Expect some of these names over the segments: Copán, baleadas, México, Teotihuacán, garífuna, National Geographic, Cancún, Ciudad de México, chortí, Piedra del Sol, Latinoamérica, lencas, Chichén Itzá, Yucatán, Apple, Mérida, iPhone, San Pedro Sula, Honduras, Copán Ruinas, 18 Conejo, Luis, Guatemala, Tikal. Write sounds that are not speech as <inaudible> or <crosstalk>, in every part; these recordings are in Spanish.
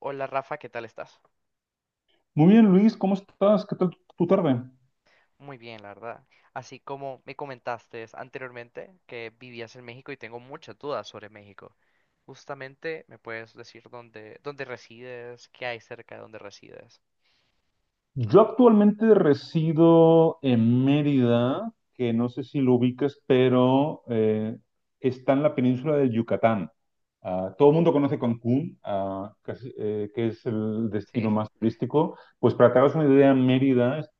Hola Rafa, ¿qué tal estás? Muy bien, Luis, ¿cómo estás? ¿Qué tal tu tarde? Muy bien, la verdad. Así como me comentaste anteriormente que vivías en México y tengo muchas dudas sobre México. Justamente, ¿me puedes decir dónde resides? ¿Qué hay cerca de donde resides? <laughs> Yo actualmente resido en Mérida, que no sé si lo ubicas, pero está en la península de Yucatán. Ah, todo el mundo conoce Cancún, casi, que es el destino Sí. más turístico. Pues para que te hagas una idea, Mérida es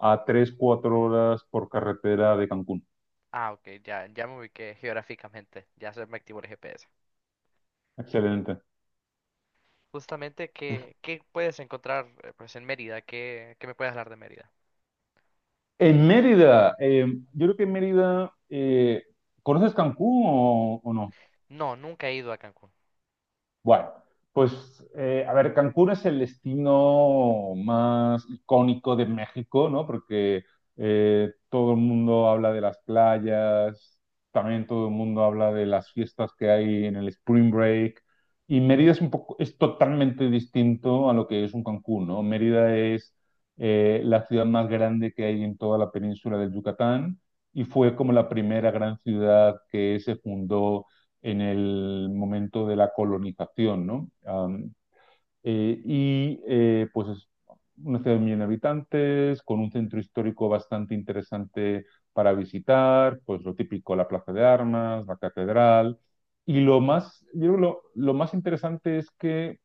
a tres cuatro horas por carretera de Cancún. Ah, ok, ya me ubiqué geográficamente. Ya se me activó el GPS. Excelente. Justamente, ¿qué puedes encontrar pues, en Mérida? ¿Qué me puedes hablar de Mérida? En Mérida, yo creo que en Mérida, ¿conoces Cancún o no? No, nunca he ido a Cancún. Bueno, pues a ver, Cancún es el destino más icónico de México, ¿no? Porque todo el mundo habla de las playas, también todo el mundo habla de las fiestas que hay en el Spring Break. Y Mérida es un poco, es totalmente distinto a lo que es un Cancún, ¿no? Mérida es la ciudad más grande que hay en toda la península del Yucatán y fue como la primera gran ciudad que se fundó en el momento de la colonización, ¿no? Um, y Pues es una ciudad de 1 millón de habitantes, con un centro histórico bastante interesante para visitar, pues lo típico, la Plaza de Armas, la Catedral. Y lo más, yo creo lo más interesante es que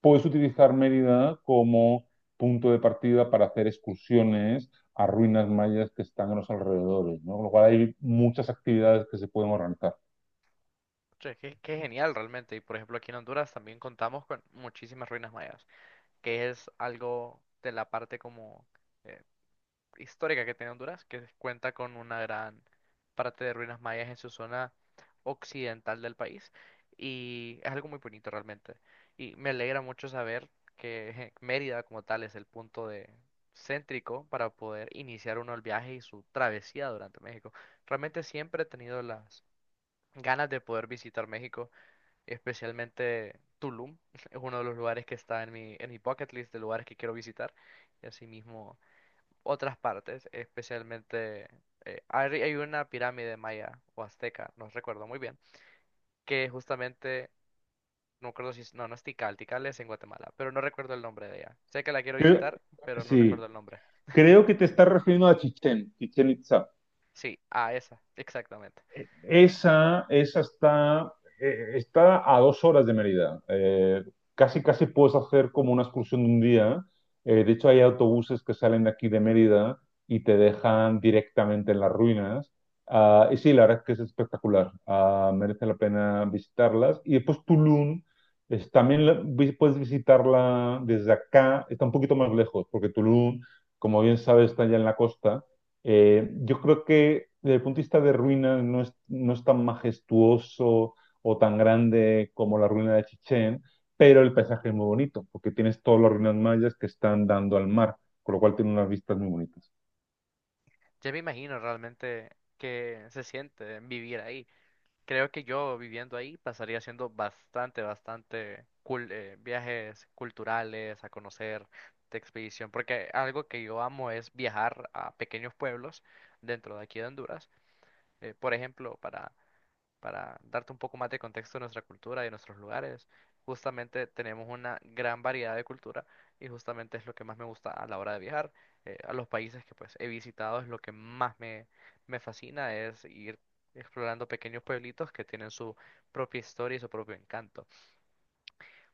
puedes utilizar Mérida como punto de partida para hacer excursiones a ruinas mayas que están en los alrededores, ¿no? Con lo cual hay muchas actividades que se pueden organizar. Che, qué genial realmente. Y por ejemplo, aquí en Honduras también contamos con muchísimas ruinas mayas, que es algo de la parte como eh, histórica que tiene Honduras, que cuenta con una gran parte de ruinas mayas en su zona occidental del país, y es algo muy bonito realmente. Y me alegra mucho saber que Mérida como tal es el punto de céntrico para poder iniciar uno el viaje y su travesía durante México. Realmente siempre he tenido las ganas de poder visitar México, especialmente Tulum. <laughs> Es uno de los lugares que está en mi bucket list de lugares que quiero visitar. Y asimismo otras partes, especialmente hay una pirámide maya o azteca, no recuerdo muy bien, que justamente, no recuerdo si es, no, no es Tikal, Tikal es en Guatemala, pero no recuerdo el nombre de ella. Sé que la quiero Que, visitar, pero no sí, recuerdo el nombre. creo que te estás refiriendo a Chichén. Chichén Itzá. Sí, a esa, exactamente. Esa está a 2 horas de Mérida. Casi puedes hacer como una excursión de un día. De hecho, hay autobuses que salen de aquí de Mérida y te dejan directamente en las ruinas. Ah, y sí, la verdad es que es espectacular. Ah, merece la pena visitarlas. Y después Tulum, puedes visitarla desde acá. Está un poquito más lejos, porque Tulum, como bien sabes, está ya en la costa. Yo creo que desde el punto de vista de ruinas no es, tan majestuoso o tan grande como la ruina de Chichén, pero el paisaje es muy bonito, porque tienes todas las ruinas mayas que están dando al mar, con lo cual tiene unas vistas muy bonitas. Ya me imagino realmente que se siente vivir ahí. Creo que yo viviendo ahí pasaría haciendo viajes culturales, a conocer de expedición, porque algo que yo amo es viajar a pequeños pueblos dentro de aquí de Honduras. Por ejemplo, para darte un poco más de contexto de nuestra cultura y de nuestros lugares, justamente tenemos una gran variedad de cultura y justamente es lo que más me gusta a la hora de viajar. A los países que pues he visitado es lo que más me fascina, es ir explorando pequeños pueblitos que tienen su propia historia y su propio encanto.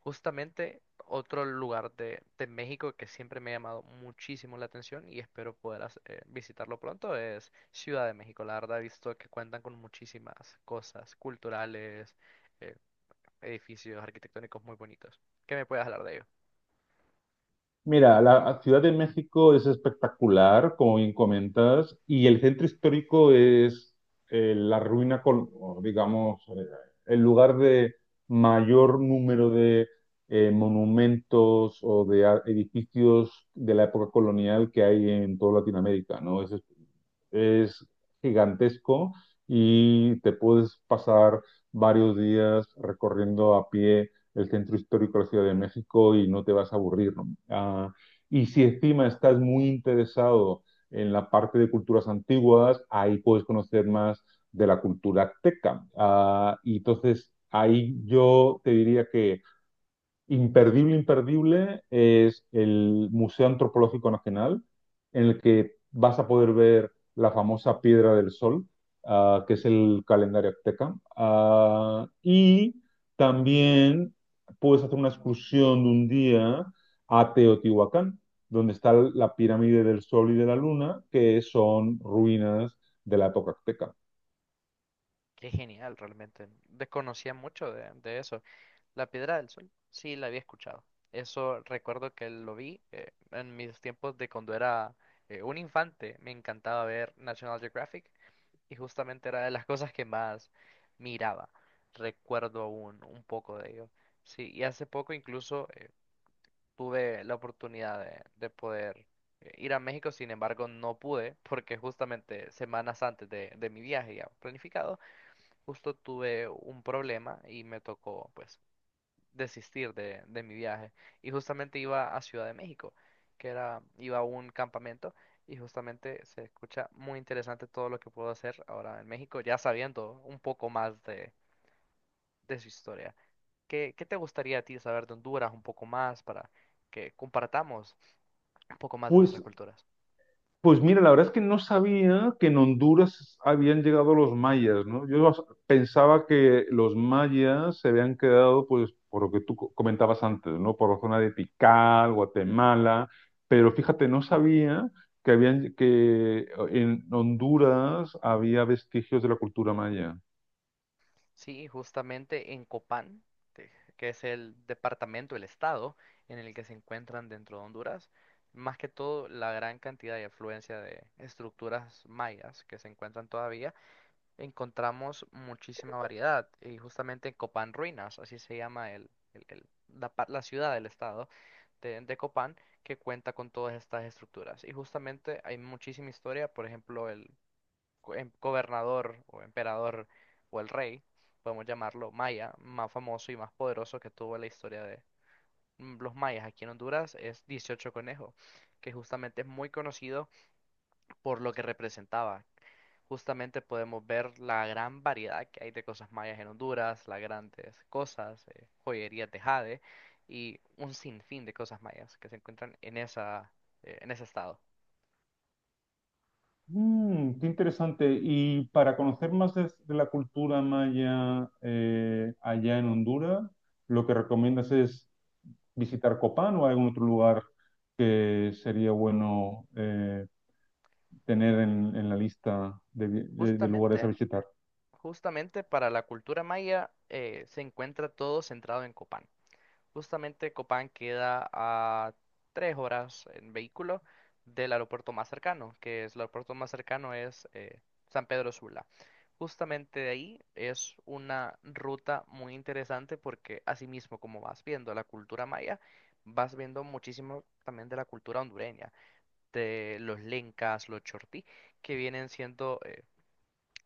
Justamente otro lugar de México que siempre me ha llamado muchísimo la atención y espero poder visitarlo pronto es Ciudad de México. La verdad he visto que cuentan con muchísimas cosas culturales, eh, edificios arquitectónicos muy bonitos. ¿Qué me puedes hablar de ello? Mira, la Ciudad de México es espectacular, como bien comentas, y el centro histórico es la ruina con, o digamos, el lugar de mayor número de monumentos o de edificios de la época colonial que hay en toda Latinoamérica, ¿no? Es gigantesco y te puedes pasar varios días recorriendo a pie el centro histórico de la Ciudad de México y no te vas a aburrir, ¿no? Ah, y si encima estás muy interesado en la parte de culturas antiguas, ahí puedes conocer más de la cultura azteca. Ah, y entonces ahí yo te diría que imperdible, imperdible es el Museo Antropológico Nacional, en el que vas a poder ver la famosa Piedra del Sol, ah, que es el calendario azteca. Ah, y también puedes hacer una excursión de un día a Teotihuacán, donde está la pirámide del Sol y de la Luna, que son ruinas de la época azteca. Qué genial, realmente. Desconocía mucho de eso. La Piedra del Sol, sí, la había escuchado. Eso recuerdo que lo vi en mis tiempos de cuando era un infante. Me encantaba ver National Geographic. Y justamente era de las cosas que más miraba. Recuerdo aún un poco de ello. Sí, y hace poco incluso tuve la oportunidad de poder ir a México, sin embargo no pude porque justamente semanas antes de mi viaje ya planificado, justo tuve un problema y me tocó pues desistir de mi viaje. Y justamente iba a Ciudad de México, que era, iba a un campamento, y justamente se escucha muy interesante todo lo que puedo hacer ahora en México, ya sabiendo un poco más de su historia. ¿Qué te gustaría a ti saber de Honduras un poco más para que compartamos un poco más de nuestras Pues culturas? Pues mira, la verdad es que no sabía que en Honduras habían llegado los mayas, ¿no? Yo pensaba que los mayas se habían quedado, pues, por lo que tú comentabas antes, ¿no? Por la zona de Tikal, Guatemala, pero fíjate, no sabía que en Honduras había vestigios de la cultura maya. Sí, justamente en Copán, te- que es el departamento, el estado en el que se encuentran dentro de Honduras, más que todo la gran cantidad y afluencia de estructuras mayas que se encuentran todavía, encontramos muchísima variedad. Y justamente en Copán Ruinas, así se llama la ciudad del estado de Copán, que cuenta con todas estas estructuras. Y justamente hay muchísima historia, por ejemplo, gobernador o emperador o el rey, podemos llamarlo maya, más famoso y más poderoso que tuvo la historia de los mayas aquí en Honduras, es 18 Conejo, que justamente es muy conocido por lo que representaba. Justamente podemos ver la gran variedad que hay de cosas mayas en Honduras, las grandes cosas, joyerías de jade y un sinfín de cosas mayas que se encuentran en en ese estado. Mm, qué interesante. Y para conocer más de la cultura maya, allá en Honduras, ¿lo que recomiendas es visitar Copán o hay algún otro lugar que sería bueno, tener en la lista de lugares a Justamente visitar? Justamente para la cultura maya se encuentra todo centrado en Copán. Justamente Copán queda a tres horas en vehículo del aeropuerto más cercano, que es el aeropuerto más cercano es San Pedro Sula. Justamente de ahí es una ruta muy interesante porque asimismo como vas viendo la cultura maya, vas viendo muchísimo también de la cultura hondureña, de los lencas, los chortí, que vienen siendo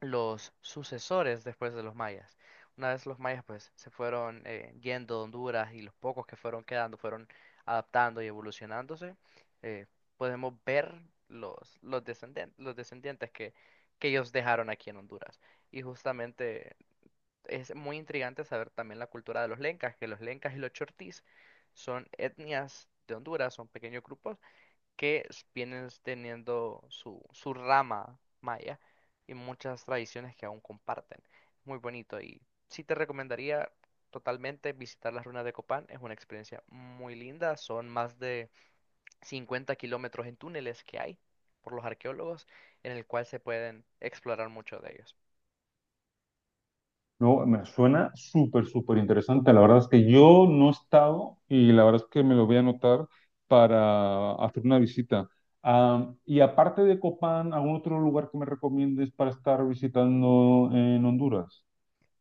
los sucesores después de los mayas. Una vez los mayas pues se fueron yendo de Honduras, y los pocos que fueron quedando fueron adaptando y evolucionándose, eh, podemos ver los los descendientes que ellos dejaron aquí en Honduras. Y justamente es muy intrigante saber también la cultura de los lencas, que los lencas y los chortís son etnias de Honduras, son pequeños grupos que vienen teniendo su rama maya y muchas tradiciones que aún comparten. Muy bonito, y sí te recomendaría totalmente visitar las ruinas de Copán. Es una experiencia muy linda. Son más de 50 kilómetros en túneles que hay por los arqueólogos en el cual se pueden explorar mucho de ellos. No, me suena súper, súper interesante. La verdad es que yo no he estado y la verdad es que me lo voy a anotar para hacer una visita. Ah, y aparte de Copán, ¿algún otro lugar que me recomiendes para estar visitando en Honduras?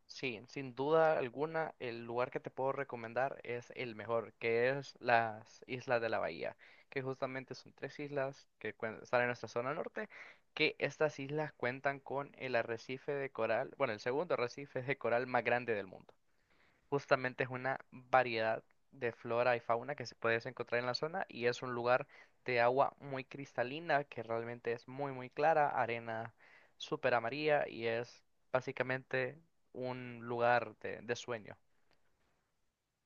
Sí, sin duda alguna, el lugar que te puedo recomendar es el mejor, que es las Islas de la Bahía, que justamente son tres islas que están en nuestra zona norte, que estas islas cuentan con el arrecife de coral, bueno, el segundo arrecife de coral más grande del mundo. Justamente es una variedad de flora y fauna que se puede encontrar en la zona y es un lugar de agua muy cristalina que realmente es muy muy clara, arena súper amarilla y es básicamente un lugar de sueño.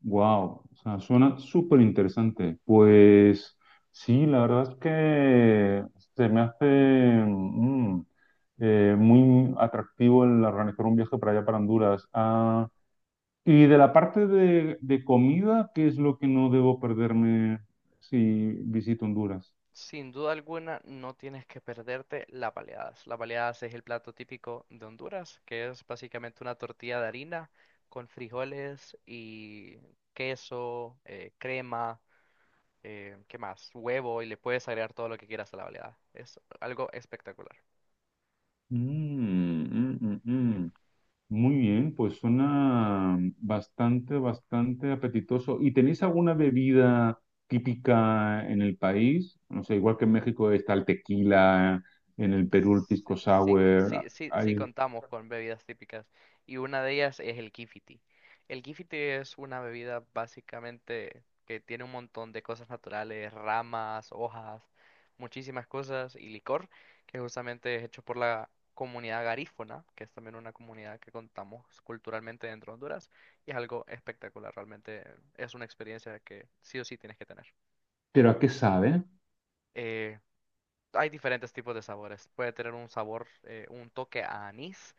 Wow, o sea, suena súper interesante. Pues sí, la verdad es que se me hace mm, muy atractivo el organizar un viaje para allá, para Honduras. Ah, y de la parte de comida, ¿qué es lo que no debo perderme si visito Honduras? Sin duda alguna no tienes que perderte las baleadas. Las baleadas es el plato típico de Honduras, que es básicamente una tortilla de harina con frijoles y queso, crema. ¿Qué más? Huevo, y le puedes agregar todo lo que quieras a la baleada. Es algo espectacular. Mm, mm, mm, mm. Muy bien, pues suena bastante, bastante apetitoso. ¿Y tenéis alguna bebida típica en el país? No sé, igual que en México está el tequila, en el Perú el pisco Sí, sour. sí, sí, sí, sí contamos con bebidas típicas y una de ellas es el kifiti. El kifiti es una bebida básicamente que tiene un montón de cosas naturales, ramas, hojas, muchísimas cosas y licor, que justamente es hecho por la comunidad garífuna, que es también una comunidad que contamos culturalmente dentro de Honduras, y es algo espectacular, realmente es una experiencia que sí o sí tienes que tener. ¿Pero a qué sabe? Eh, Hay diferentes tipos de sabores. Puede tener un sabor, un toque a anís,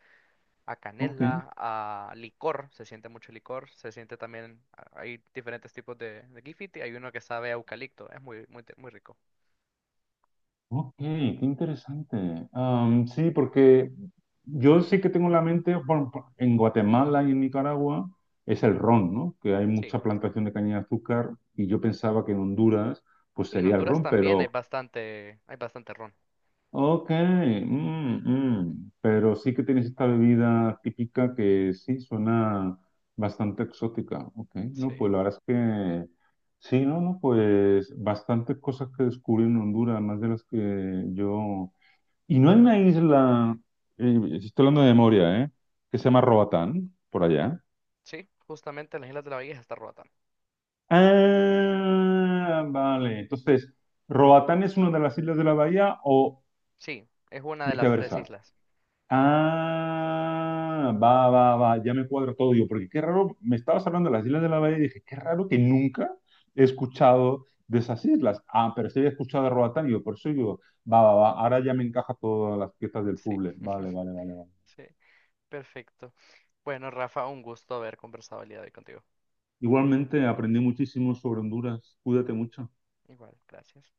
a Ok, canela, a licor. Se siente mucho licor. Se siente también, hay diferentes tipos de Gifiti. Hay uno que sabe a eucalipto. Es muy rico. ok, qué interesante. Sí, porque yo sí que tengo en la mente, bueno, en Guatemala y en Nicaragua es el ron, ¿no? Que hay Sí. mucha plantación de caña de azúcar y yo pensaba que en Honduras pues Sí, en sería el Honduras ron, también pero... hay bastante ron. Ok, mm, mm. Pero sí que tienes esta bebida típica que sí suena bastante exótica. Ok, Sí. no, pues la verdad es que sí, no, no, pues bastantes cosas que descubrí en Honduras, más de las que yo. Y no hay una isla, estoy hablando de memoria, ¿eh? Que se llama Roatán, por allá. Sí, justamente las Islas de la Bahía está Roatán. Ah, vale. Entonces, ¿Roatán es una de las islas de la bahía o Sí, es una de las tres viceversa? islas. Ah, va, va, va, ya me cuadra todo. Yo, porque qué raro, me estabas hablando de las Islas de la Bahía y dije, qué raro que nunca he escuchado de esas islas. Ah, pero sí había escuchado de Roatán, y yo, por eso yo, va, va, va, ahora ya me encaja todas las piezas del Sí. puzzle. Vale, <laughs> vale, vale, vale. Sí, perfecto. Bueno, Rafa, un gusto haber conversado el día de hoy contigo. Igualmente aprendí muchísimo sobre Honduras. Cuídate mucho. Igual, gracias.